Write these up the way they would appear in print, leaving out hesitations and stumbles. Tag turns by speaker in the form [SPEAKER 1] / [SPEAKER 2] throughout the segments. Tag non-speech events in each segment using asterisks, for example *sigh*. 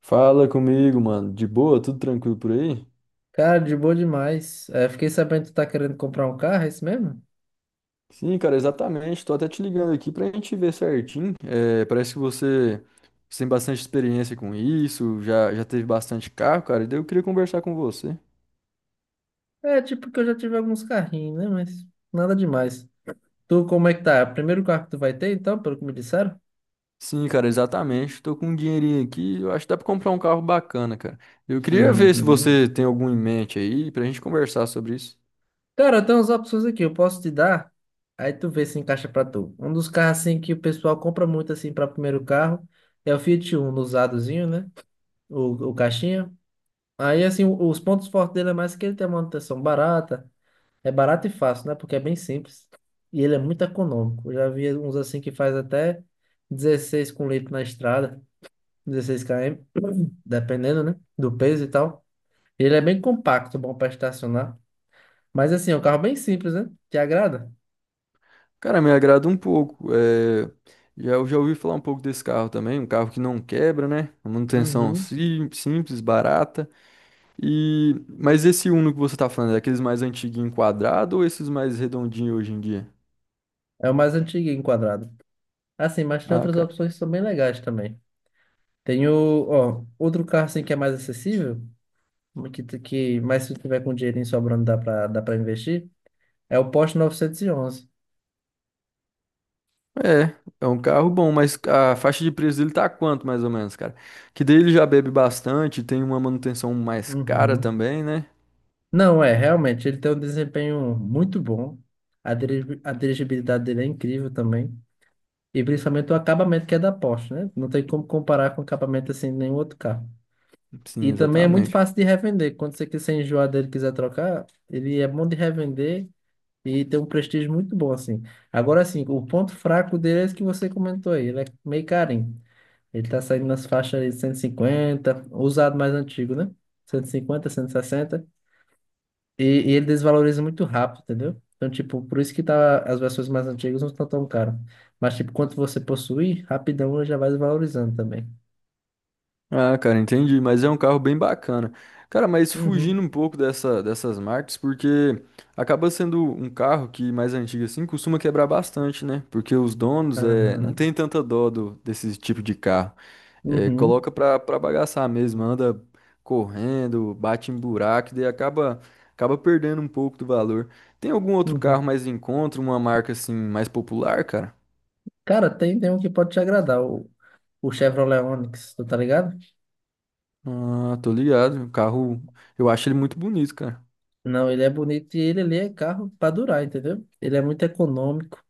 [SPEAKER 1] Fala comigo, mano. De boa? Tudo tranquilo por aí?
[SPEAKER 2] Cara, de boa demais. É, fiquei sabendo que tu tá querendo comprar um carro, é isso mesmo?
[SPEAKER 1] Sim, cara, exatamente. Tô até te ligando aqui pra gente ver certinho. É, parece que você tem bastante experiência com isso, já teve bastante carro, cara. E daí eu queria conversar com você.
[SPEAKER 2] É, tipo que eu já tive alguns carrinhos, né? Mas nada demais. Tu, como é que tá? É o primeiro carro que tu vai ter, então, pelo que me disseram?
[SPEAKER 1] Sim, cara, exatamente. Tô com um dinheirinho aqui. Eu acho que dá pra comprar um carro bacana, cara. Eu queria ver se
[SPEAKER 2] Uhum.
[SPEAKER 1] você tem algum em mente aí pra gente conversar sobre isso.
[SPEAKER 2] Cara, tem umas opções aqui, eu posso te dar. Aí tu vê se encaixa pra tu. Um dos carros, assim, que o pessoal compra muito, assim, pra primeiro carro é o Fiat Uno, usadozinho, né? O caixinha. Aí, assim, os pontos fortes dele é mais que ele tem a manutenção barata. É barato e fácil, né? Porque é bem simples. E ele é muito econômico. Eu já vi uns assim que faz até 16 com litro na estrada, 16 km, dependendo, né? Do peso e tal. Ele é bem compacto, bom para estacionar. Mas assim, é um carro bem simples, né? Te agrada?
[SPEAKER 1] Cara, me agrada um pouco. É, eu já ouvi falar um pouco desse carro também, um carro que não quebra, né? Uma manutenção
[SPEAKER 2] Uhum.
[SPEAKER 1] simples, barata. E mas esse Uno que você tá falando, é aqueles mais antiguinho quadrado ou esses mais redondinhos hoje em dia?
[SPEAKER 2] É o mais antigo enquadrado. Assim, mas tem
[SPEAKER 1] Ah,
[SPEAKER 2] outras
[SPEAKER 1] cara.
[SPEAKER 2] opções que são bem legais também. Tem o, ó, outro carro assim que é mais acessível, mas se tu tiver com dinheirinho sobrando dá para investir, é o Porsche 911.
[SPEAKER 1] É, é um carro bom, mas a faixa de preço dele tá quanto mais ou menos, cara? Que daí ele já bebe bastante, tem uma manutenção mais cara
[SPEAKER 2] Uhum.
[SPEAKER 1] também, né?
[SPEAKER 2] Não, é, realmente, ele tem um desempenho muito bom. A dirigibilidade dele é incrível também. E principalmente o acabamento que é da Porsche, né? Não tem como comparar com o acabamento assim de nenhum outro carro.
[SPEAKER 1] Sim,
[SPEAKER 2] E também é muito
[SPEAKER 1] exatamente.
[SPEAKER 2] fácil de revender. Quando você quiser enjoar dele, e quiser trocar, ele é bom de revender e tem um prestígio muito bom assim. Agora sim, o ponto fraco dele é esse que você comentou aí, ele é meio carinho. Ele tá saindo nas faixas aí de 150, usado mais antigo, né? Cento e cinquenta, 160. E, e ele desvaloriza muito rápido, entendeu? Então, tipo, por isso que tá, as versões mais antigas não estão tão caras. Mas, tipo, quanto você possui, rapidão ele já vai desvalorizando também.
[SPEAKER 1] Ah, cara, entendi, mas é um carro bem bacana. Cara, mas fugindo
[SPEAKER 2] Uhum.
[SPEAKER 1] um pouco dessas marcas, porque acaba sendo um carro que mais antigo assim costuma quebrar bastante, né? Porque os donos não
[SPEAKER 2] Aham.
[SPEAKER 1] tem tanta dó desse tipo de carro. É,
[SPEAKER 2] Uhum.
[SPEAKER 1] coloca pra bagaçar mesmo, anda correndo, bate em buraco, e daí acaba perdendo um pouco do valor. Tem algum outro carro
[SPEAKER 2] Uhum.
[SPEAKER 1] mais em conta, uma marca assim mais popular, cara?
[SPEAKER 2] Cara, tem um que pode te agradar, o Chevrolet Onix, tu tá ligado?
[SPEAKER 1] Ah, tô ligado. O carro, eu acho ele muito bonito, cara.
[SPEAKER 2] Não, ele é bonito e ele ali é carro pra durar, entendeu? Ele é muito econômico,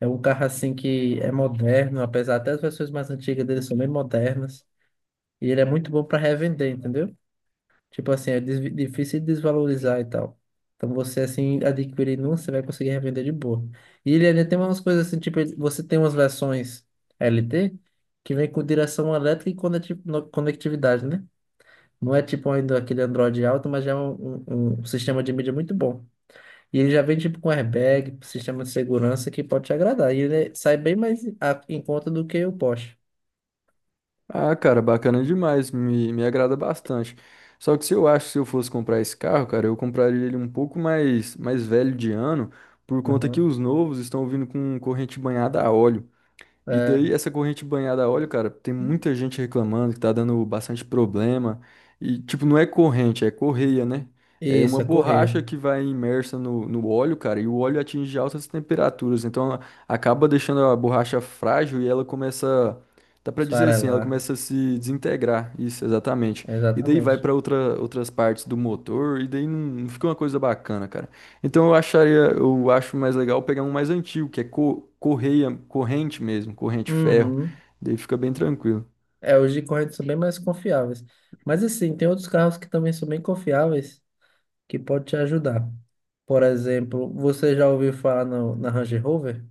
[SPEAKER 2] é um carro assim que é moderno, apesar até as versões mais antigas dele são bem modernas. E ele é muito bom pra revender, entendeu? Tipo assim, é desvi- difícil de desvalorizar e tal. Então você assim adquirindo um, você vai conseguir revender de boa. E ele ainda tem umas coisas assim, tipo, ele- você tem umas versões LT que vem com direção elétrica e conectividade, né? Não é tipo ainda aquele Android alto, mas já é um sistema de mídia muito bom. E ele já vem tipo com airbag, sistema de segurança que pode te agradar. E ele sai bem mais em conta do que o Porsche.
[SPEAKER 1] Ah, cara, bacana demais, me agrada bastante. Só que se eu acho que se eu fosse comprar esse carro, cara, eu compraria ele um pouco mais velho de ano, por conta que
[SPEAKER 2] Uhum.
[SPEAKER 1] os novos estão vindo com corrente banhada a óleo. E
[SPEAKER 2] É,
[SPEAKER 1] daí, essa corrente banhada a óleo, cara, tem muita gente reclamando que tá dando bastante problema. E, tipo, não é corrente, é correia, né? É
[SPEAKER 2] isso,
[SPEAKER 1] uma
[SPEAKER 2] é correr,
[SPEAKER 1] borracha que vai imersa no óleo, cara, e o óleo atinge altas temperaturas. Então, ela acaba deixando a borracha frágil e ela começa, dá pra dizer assim, ela
[SPEAKER 2] esfarelar.
[SPEAKER 1] começa a se desintegrar. Isso, exatamente. E daí vai
[SPEAKER 2] Exatamente.
[SPEAKER 1] pra outras partes do motor, e daí não fica uma coisa bacana, cara. Então eu acho mais legal pegar um mais antigo, que é correia, corrente mesmo, corrente ferro.
[SPEAKER 2] Uhum.
[SPEAKER 1] Daí fica bem tranquilo.
[SPEAKER 2] É, os de corrente são bem mais confiáveis. Mas assim, tem outros carros que também são bem confiáveis que pode te ajudar. Por exemplo, você já ouviu falar na Range Rover?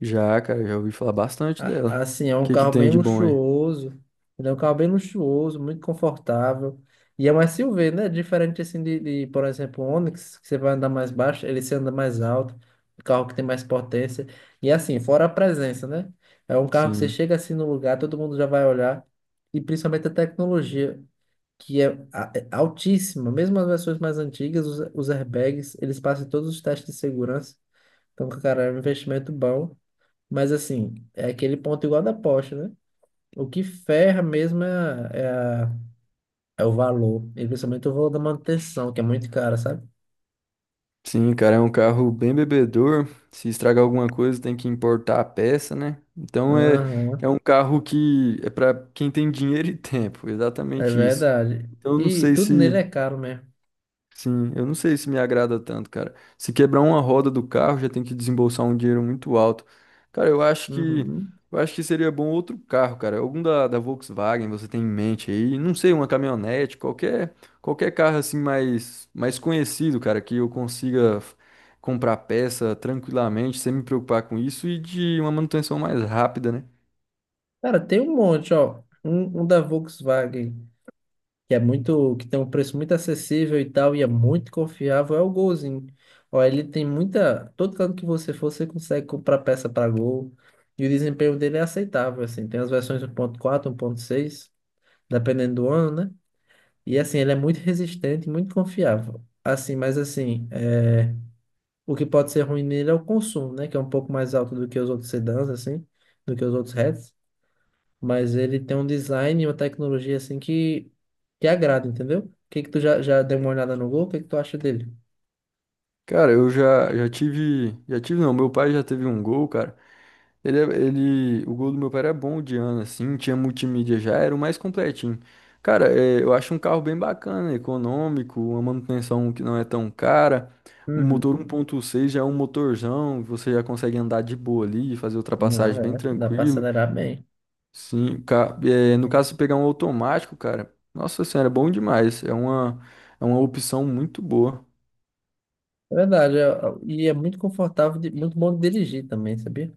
[SPEAKER 1] Já, cara, já ouvi falar bastante
[SPEAKER 2] A-
[SPEAKER 1] dela.
[SPEAKER 2] Assim, é
[SPEAKER 1] O
[SPEAKER 2] um
[SPEAKER 1] que que
[SPEAKER 2] carro
[SPEAKER 1] tem
[SPEAKER 2] bem
[SPEAKER 1] de bom aí?
[SPEAKER 2] luxuoso. Ele é um carro bem luxuoso, muito confortável. E é um SUV, né? Diferente assim por exemplo, o Onix, que você vai andar mais baixo, ele se anda mais alto, um carro que tem mais potência. E assim, fora a presença, né? É um carro que você
[SPEAKER 1] Sim.
[SPEAKER 2] chega assim no lugar, todo mundo já vai olhar. E principalmente a tecnologia, que é altíssima. Mesmo as versões mais antigas, os airbags, eles passam todos os testes de segurança. Então, cara, é um investimento bom. Mas assim, é aquele ponto igual da Porsche, né? O que ferra mesmo a- é o valor, e principalmente o valor da manutenção, que é muito cara, sabe?
[SPEAKER 1] Sim, cara, é um carro bem bebedor. Se estragar alguma coisa, tem que importar a peça, né? Então é,
[SPEAKER 2] Aham,
[SPEAKER 1] é um carro que é pra quem tem dinheiro e *laughs* tempo,
[SPEAKER 2] é
[SPEAKER 1] exatamente isso.
[SPEAKER 2] verdade.
[SPEAKER 1] Então eu não
[SPEAKER 2] E
[SPEAKER 1] sei
[SPEAKER 2] tudo
[SPEAKER 1] se
[SPEAKER 2] nele é caro mesmo.
[SPEAKER 1] Sim, eu não sei se me agrada tanto, cara. Se quebrar uma roda do carro, já tem que desembolsar um dinheiro muito alto. Cara, eu acho que
[SPEAKER 2] Uhum.
[SPEAKER 1] eu acho que seria bom outro carro, cara. Algum da Volkswagen você tem em mente aí? Não sei, uma caminhonete, qualquer carro assim mais conhecido, cara, que eu consiga comprar peça tranquilamente, sem me preocupar com isso e de uma manutenção mais rápida, né?
[SPEAKER 2] Cara, tem um monte, ó. Um da Volkswagen, que tem um preço muito acessível e tal, e é muito confiável, é o Golzinho. Ó, ele tem muita. Todo canto que você for, você consegue comprar peça para Gol. E o desempenho dele é aceitável, assim. Tem as versões um ponto quatro, 1.6. Dependendo do ano, né? E assim, ele é muito resistente, e muito confiável. Assim, mas assim, é, o que pode ser ruim nele é o consumo, né? Que é um pouco mais alto do que os outros sedãs, assim, do que os outros hatches. Mas ele tem um design e uma tecnologia, assim, que agrada, entendeu? O que que tu já deu uma olhada no Gol? O que que tu acha dele?
[SPEAKER 1] Cara, eu já tive, já tive não, meu pai já teve um Gol, cara. O gol do meu pai era bom de ano, assim, tinha multimídia já, era o mais completinho. Cara, eu acho um carro bem bacana, econômico, uma manutenção que não é tão cara. O
[SPEAKER 2] Uhum.
[SPEAKER 1] motor 1.6 já é um motorzão, você já consegue andar de boa ali, fazer
[SPEAKER 2] Não,
[SPEAKER 1] ultrapassagem bem
[SPEAKER 2] é, dá pra
[SPEAKER 1] tranquilo.
[SPEAKER 2] acelerar bem.
[SPEAKER 1] Sim, no caso, se pegar um automático, cara, nossa senhora, é bom demais. É uma opção muito boa.
[SPEAKER 2] É verdade, e é muito confortável, muito bom de dirigir também, sabia?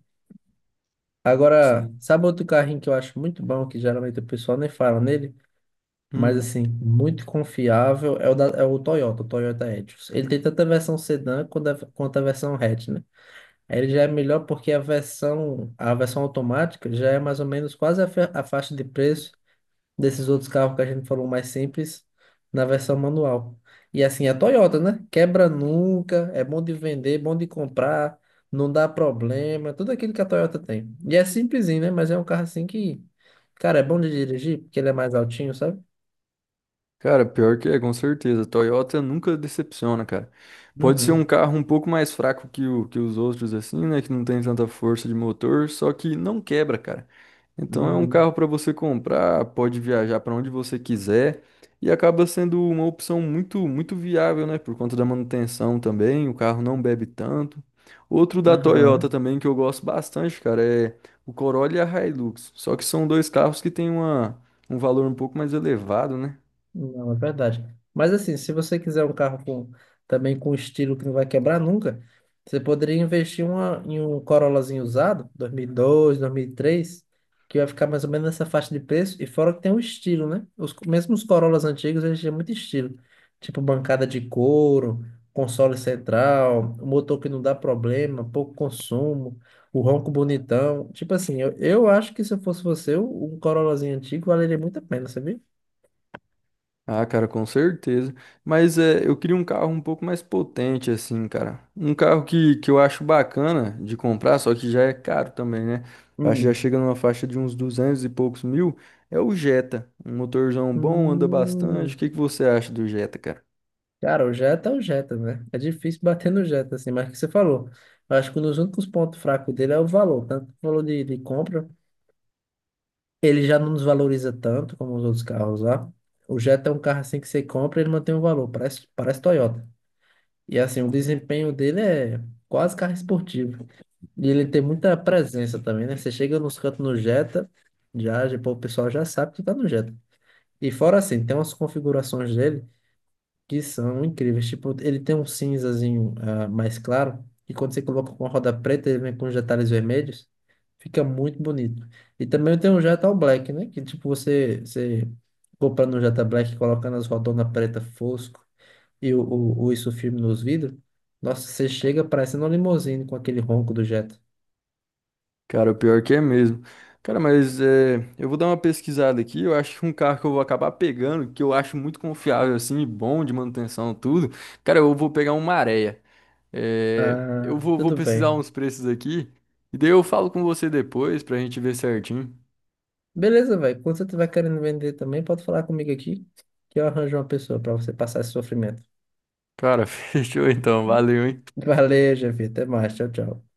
[SPEAKER 2] Agora,
[SPEAKER 1] Sim.
[SPEAKER 2] sabe outro carrinho que eu acho muito bom, que geralmente o pessoal nem fala nele? Mas
[SPEAKER 1] Hum.
[SPEAKER 2] assim, muito confiável é o Toyota, o Toyota Etios. Ele tem tanto a versão sedã quanto a versão hatch, né? Aí ele já é melhor porque a versão automática já é mais ou menos quase a faixa de preço desses outros carros que a gente falou mais simples na versão manual. E assim, a Toyota, né? Quebra nunca, é bom de vender, bom de comprar, não dá problema, tudo aquilo que a Toyota tem. E é simplesinho, né? Mas é um carro assim que, cara, é bom de dirigir porque ele é mais altinho, sabe?
[SPEAKER 1] Cara, pior que é, com certeza. Toyota nunca decepciona, cara. Pode ser um
[SPEAKER 2] Uhum.
[SPEAKER 1] carro um pouco mais fraco que os outros, assim, né? Que não tem tanta força de motor, só que não quebra, cara. Então é um
[SPEAKER 2] Hum.
[SPEAKER 1] carro para você comprar, pode viajar para onde você quiser e acaba sendo uma opção muito, muito viável, né? Por conta da manutenção também, o carro não bebe tanto. Outro da Toyota
[SPEAKER 2] Aham.
[SPEAKER 1] também que eu gosto bastante, cara, é o Corolla e a Hilux. Só que são dois carros que têm um valor um pouco mais elevado, né?
[SPEAKER 2] Não, é verdade. Mas assim, se você quiser um carro com, também com estilo que não vai quebrar nunca, você poderia investir em um Corollazinho usado, 2002, 2003, que vai ficar mais ou menos nessa faixa de preço, e fora que tem um estilo, né? Mesmo os Corollas antigos, eles tinham muito estilo. Tipo bancada de couro, console central, um motor que não dá problema, pouco consumo, o ronco bonitão. Tipo assim, eu acho que se eu fosse você, um Corollazinho antigo valeria muito a pena, sabia?
[SPEAKER 1] Ah, cara, com certeza. Mas eu queria um carro um pouco mais potente, assim, cara. Um carro que eu acho bacana de comprar, só que já é caro também, né? Eu acho que já chega numa faixa de uns 200 e poucos mil. É o Jetta. Um motorzão bom, anda bastante. O
[SPEAKER 2] Hum,
[SPEAKER 1] que que você acha do Jetta, cara?
[SPEAKER 2] Cara, o Jetta é o Jetta, né? É difícil bater no Jetta, assim, mas é o que você falou. Eu acho que um dos únicos pontos fracos dele é o valor, tanto o valor de compra. Ele já não nos valoriza tanto como os outros carros lá. O Jetta é um carro assim que você compra, e ele mantém o valor, parece Toyota. E assim, o desempenho dele é quase carro esportivo. E ele tem muita presença também, né? Você chega nos cantos no Jetta, pô, o pessoal já sabe que tá no Jetta. E fora assim, tem umas configurações dele. Que são incríveis. Tipo, ele tem um cinzazinho mais claro, e quando você coloca com a roda preta, ele vem com os detalhes vermelhos, fica muito bonito. E também tem um Jetta All Black, né? Que tipo, você comprando um Jetta Black, colocando as rodonas preta fosco e o isso firme nos vidros, nossa, você chega parecendo uma limousine com aquele ronco do Jetta.
[SPEAKER 1] Cara, o pior que é mesmo. Cara, mas eu vou dar uma pesquisada aqui. Eu acho que um carro que eu vou acabar pegando, que eu acho muito confiável, assim, e bom de manutenção, tudo. Cara, eu vou pegar um Maré. É, eu
[SPEAKER 2] Ah,
[SPEAKER 1] vou
[SPEAKER 2] tudo
[SPEAKER 1] pesquisar
[SPEAKER 2] bem.
[SPEAKER 1] uns preços aqui e daí eu falo com você depois pra gente ver certinho.
[SPEAKER 2] Beleza, velho. Quando você tiver querendo vender também, pode falar comigo aqui, que eu arranjo uma pessoa para você passar esse sofrimento.
[SPEAKER 1] Cara, *laughs* fechou então, valeu, hein?
[SPEAKER 2] Valeu, Jeff. Até mais. Tchau, tchau.